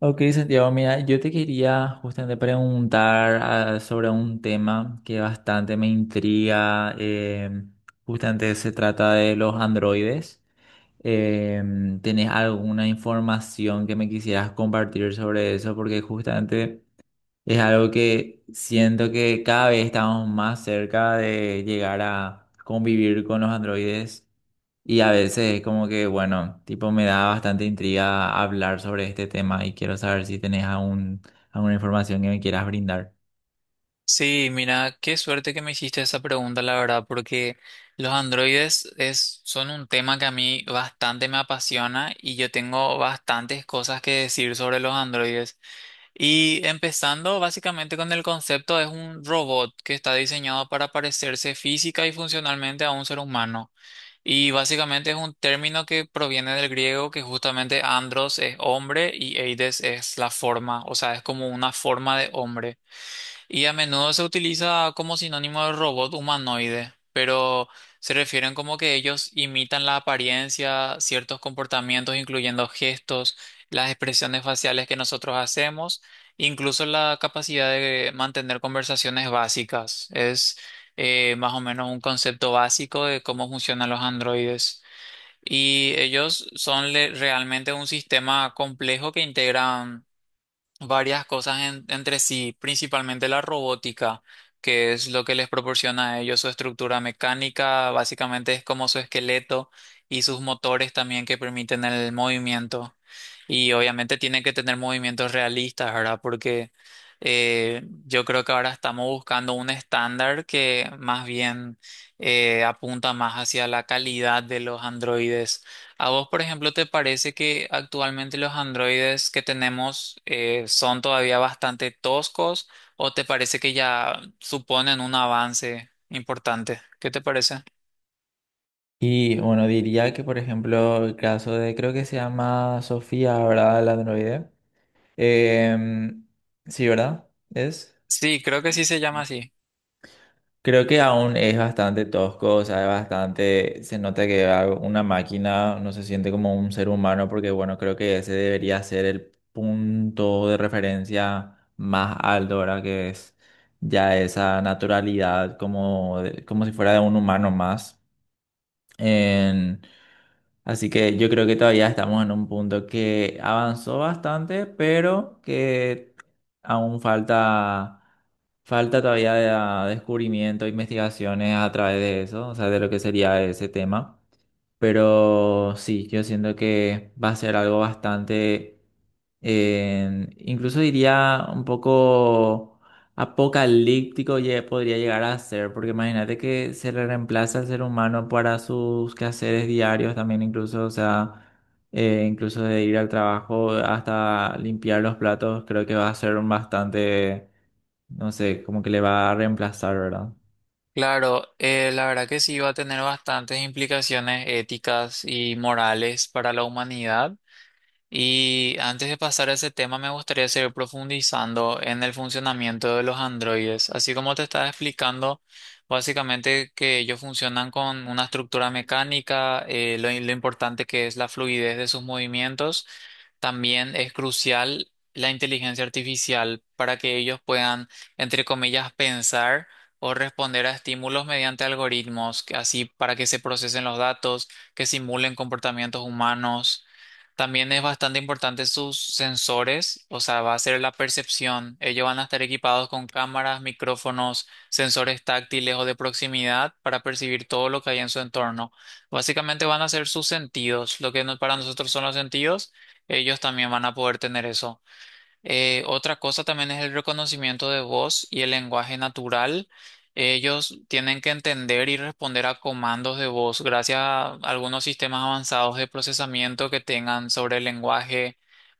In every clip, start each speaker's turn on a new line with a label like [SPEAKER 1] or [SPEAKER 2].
[SPEAKER 1] Ok, Santiago, mira, yo te quería justamente preguntar sobre un tema que bastante me intriga. Justamente se trata de los androides. ¿Tenés alguna información que me quisieras compartir sobre eso? Porque justamente es algo que siento que cada vez estamos más cerca de llegar a convivir con los androides. Y a veces como que, bueno, tipo me da bastante intriga hablar sobre este tema y quiero saber si tenés algún, alguna información que me quieras brindar.
[SPEAKER 2] Sí, mira, qué suerte que me hiciste esa pregunta, la verdad, porque son un tema que a mí bastante me apasiona y yo tengo bastantes cosas que decir sobre los androides. Y empezando básicamente con el concepto, es un robot que está diseñado para parecerse física y funcionalmente a un ser humano. Y básicamente es un término que proviene del griego, que justamente andros es hombre y eides es la forma, o sea, es como una forma de hombre. Y a menudo se utiliza como sinónimo de robot humanoide, pero se refieren como que ellos imitan la apariencia, ciertos comportamientos, incluyendo gestos, las expresiones faciales que nosotros hacemos, incluso la capacidad de mantener conversaciones básicas. Es Más o menos un concepto básico de cómo funcionan los androides. Y ellos realmente un sistema complejo que integran varias cosas entre sí, principalmente la robótica, que es lo que les proporciona a ellos su estructura mecánica, básicamente es como su esqueleto y sus motores también que permiten el movimiento. Y obviamente tienen que tener movimientos realistas, ¿verdad? Porque yo creo que ahora estamos buscando un estándar que más bien apunta más hacia la calidad de los androides. ¿A vos, por ejemplo, te parece que actualmente los androides que tenemos son todavía bastante toscos o te parece que ya suponen un avance importante? ¿Qué te parece?
[SPEAKER 1] Y bueno, diría que por ejemplo el caso de, creo que se llama Sofía, ¿verdad? La androide. Em, sí, ¿verdad? ¿Es?
[SPEAKER 2] Sí, creo que sí se llama así.
[SPEAKER 1] Creo que aún es bastante tosco, o sea, es bastante, se nota que una máquina no se siente como un ser humano, porque bueno, creo que ese debería ser el punto de referencia más alto, ¿verdad? Que es ya esa naturalidad como, como si fuera de un humano más. Así que yo creo que todavía estamos en un punto que avanzó bastante, pero que aún falta, falta todavía descubrimiento, investigaciones a través de eso, o sea, de lo que sería ese tema. Pero sí, yo siento que va a ser algo bastante, incluso diría un poco apocalíptico, podría llegar a ser, porque imagínate que se le reemplaza al ser humano para sus quehaceres diarios también, incluso, o sea, incluso de ir al trabajo hasta limpiar los platos, creo que va a ser un bastante, no sé, como que le va a reemplazar, ¿verdad?
[SPEAKER 2] Claro, la verdad que sí va a tener bastantes implicaciones éticas y morales para la humanidad. Y antes de pasar a ese tema, me gustaría seguir profundizando en el funcionamiento de los androides. Así como te estaba explicando, básicamente que ellos funcionan con una estructura mecánica, lo importante que es la fluidez de sus movimientos. También es crucial la inteligencia artificial para que ellos puedan, entre comillas, pensar o responder a estímulos mediante algoritmos, que así para que se procesen los datos, que simulen comportamientos humanos. También es bastante importante sus sensores, o sea, va a ser la percepción. Ellos van a estar equipados con cámaras, micrófonos, sensores táctiles o de proximidad para percibir todo lo que hay en su entorno. Básicamente van a ser sus sentidos, lo que no- para nosotros son los sentidos, ellos también van a poder tener eso. Otra cosa también es el reconocimiento de voz y el lenguaje natural. Ellos tienen que entender y responder a comandos de voz gracias a algunos sistemas avanzados de procesamiento que tengan sobre el lenguaje,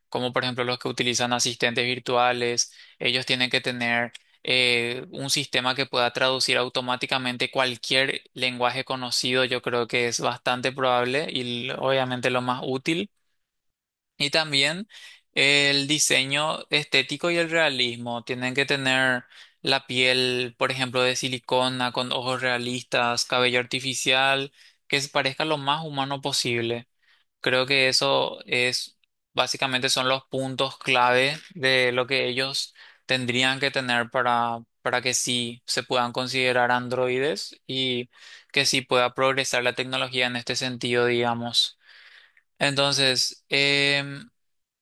[SPEAKER 2] como por ejemplo los que utilizan asistentes virtuales. Ellos tienen que tener un sistema que pueda traducir automáticamente cualquier lenguaje conocido. Yo creo que es bastante probable y obviamente lo más útil. Y también el diseño estético y el realismo. Tienen que tener la piel, por ejemplo, de silicona, con ojos realistas, cabello artificial, que se parezca lo más humano posible. Creo que eso es, Básicamente son los puntos clave de lo que ellos tendrían que tener para que sí se puedan considerar androides y que sí pueda progresar la tecnología en este sentido, digamos. Entonces,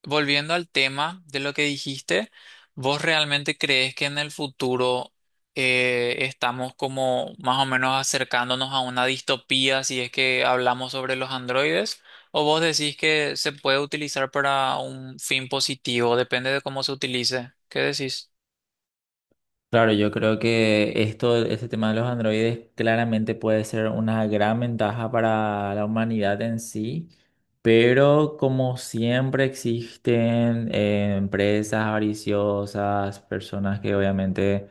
[SPEAKER 2] volviendo al tema de lo que dijiste, ¿vos realmente crees que en el futuro estamos como más o menos acercándonos a una distopía si es que hablamos sobre los androides? ¿O vos decís que se puede utilizar para un fin positivo? Depende de cómo se utilice. ¿Qué decís?
[SPEAKER 1] Claro, yo creo que esto, este tema de los androides claramente puede ser una gran ventaja para la humanidad en sí, pero como siempre existen empresas avariciosas, personas que obviamente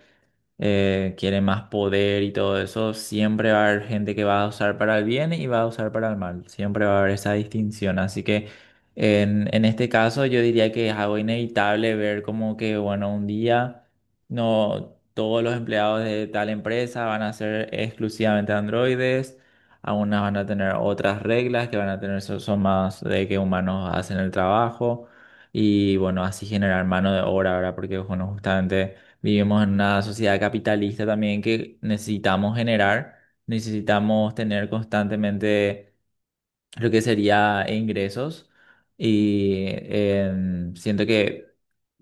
[SPEAKER 1] quiere más poder y todo eso, siempre va a haber gente que va a usar para el bien y va a usar para el mal. Siempre va a haber esa distinción. Así que en este caso yo diría que es algo inevitable ver como que, bueno, un día no todos los empleados de tal empresa van a ser exclusivamente androides. Algunas van a tener otras reglas que van a tener, son más de que humanos hacen el trabajo. Y bueno, así generar mano de obra, ¿verdad? Porque bueno, justamente... Vivimos en una sociedad capitalista también que necesitamos generar, necesitamos tener constantemente lo que sería ingresos y siento que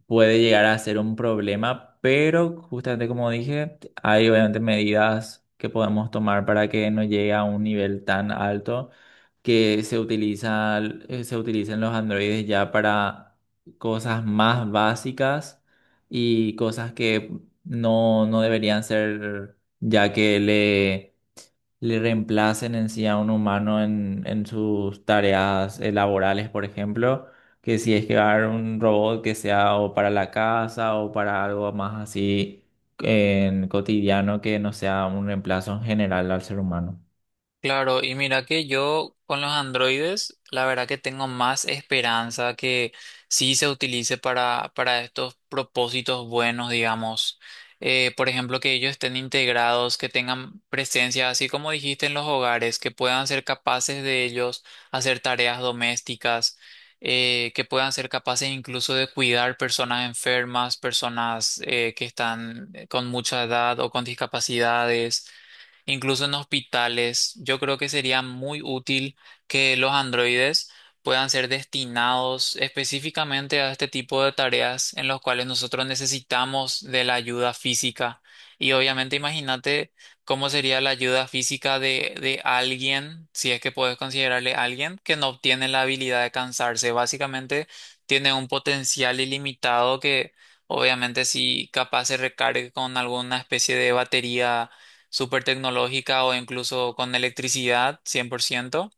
[SPEAKER 1] puede llegar a ser un problema, pero justamente como dije, hay obviamente medidas que podemos tomar para que no llegue a un nivel tan alto que se utiliza, se utilizan los androides ya para cosas más básicas y cosas que no, no deberían ser, ya que le reemplacen en sí a un humano en sus tareas laborales, por ejemplo, que si es que va a haber un robot que sea o para la casa o para algo más así en cotidiano que no sea un reemplazo en general al ser humano.
[SPEAKER 2] Claro, y mira que yo con los androides, la verdad que tengo más esperanza que sí se utilice para estos propósitos buenos, digamos. Por ejemplo, que ellos estén integrados, que tengan presencia, así como dijiste en los hogares, que puedan ser capaces de ellos hacer tareas domésticas, que puedan ser capaces incluso de cuidar personas enfermas, personas que están con mucha edad o con discapacidades incluso en hospitales. Yo creo que sería muy útil que los androides puedan ser destinados específicamente a este tipo de tareas en los cuales nosotros necesitamos de la ayuda física. Y obviamente imagínate cómo sería la ayuda física de alguien, si es que puedes considerarle alguien, que no obtiene la habilidad de cansarse. Básicamente tiene un potencial ilimitado que obviamente si capaz se recargue con alguna especie de batería súper tecnológica o incluso con electricidad 100%,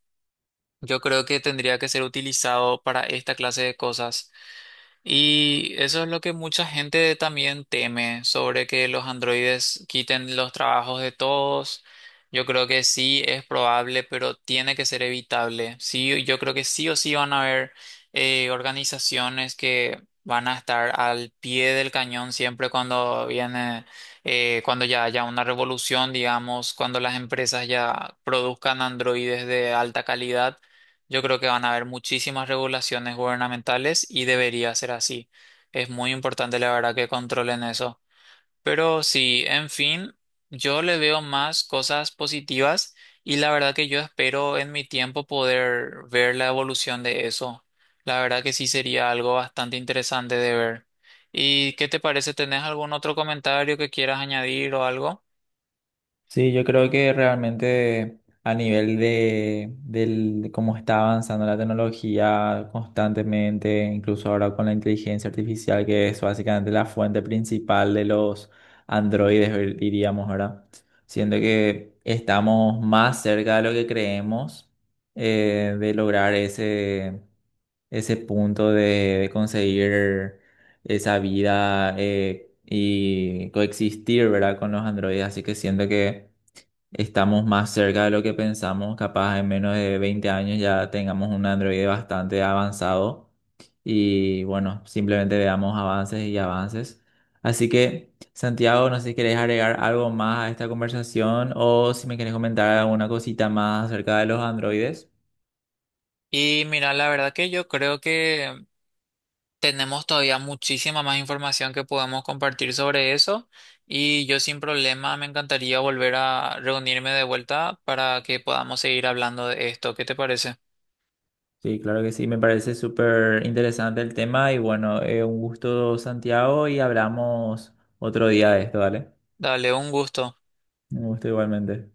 [SPEAKER 2] yo creo que tendría que ser utilizado para esta clase de cosas. Y eso es lo que mucha gente también teme sobre que los androides quiten los trabajos de todos. Yo creo que sí es probable, pero tiene que ser evitable. Sí, yo creo que sí o sí van a haber organizaciones que van a estar al pie del cañón siempre cuando viene, cuando ya haya una revolución, digamos, cuando las empresas ya produzcan androides de alta calidad, yo creo que van a haber muchísimas regulaciones gubernamentales y debería ser así. Es muy importante, la verdad, que controlen eso. Pero sí, en fin, yo le veo más cosas positivas y la verdad que yo espero en mi tiempo poder ver la evolución de eso. La verdad que sí sería algo bastante interesante de ver. ¿Y qué te parece? ¿Tenés algún otro comentario que quieras añadir o algo?
[SPEAKER 1] Sí, yo creo que realmente a nivel de, de cómo está avanzando la tecnología constantemente, incluso ahora con la inteligencia artificial, que es básicamente la fuente principal de los androides, diríamos, ¿verdad? Siento que estamos más cerca de lo que creemos de lograr ese, ese punto de conseguir esa vida y coexistir, ¿verdad? Con los androides. Así que siento que estamos más cerca de lo que pensamos, capaz en menos de 20 años ya tengamos un Android bastante avanzado y bueno, simplemente veamos avances y avances. Así que, Santiago, no sé si querés agregar algo más a esta conversación o si me querés comentar alguna cosita más acerca de los androides.
[SPEAKER 2] Y mira, la verdad que yo creo que tenemos todavía muchísima más información que podemos compartir sobre eso y yo sin problema me encantaría volver a reunirme de vuelta para que podamos seguir hablando de esto. ¿Qué te parece?
[SPEAKER 1] Sí, claro que sí, me parece súper interesante el tema y bueno, un gusto, Santiago, y hablamos otro día de esto, ¿vale?
[SPEAKER 2] Dale, un gusto.
[SPEAKER 1] Un gusto igualmente.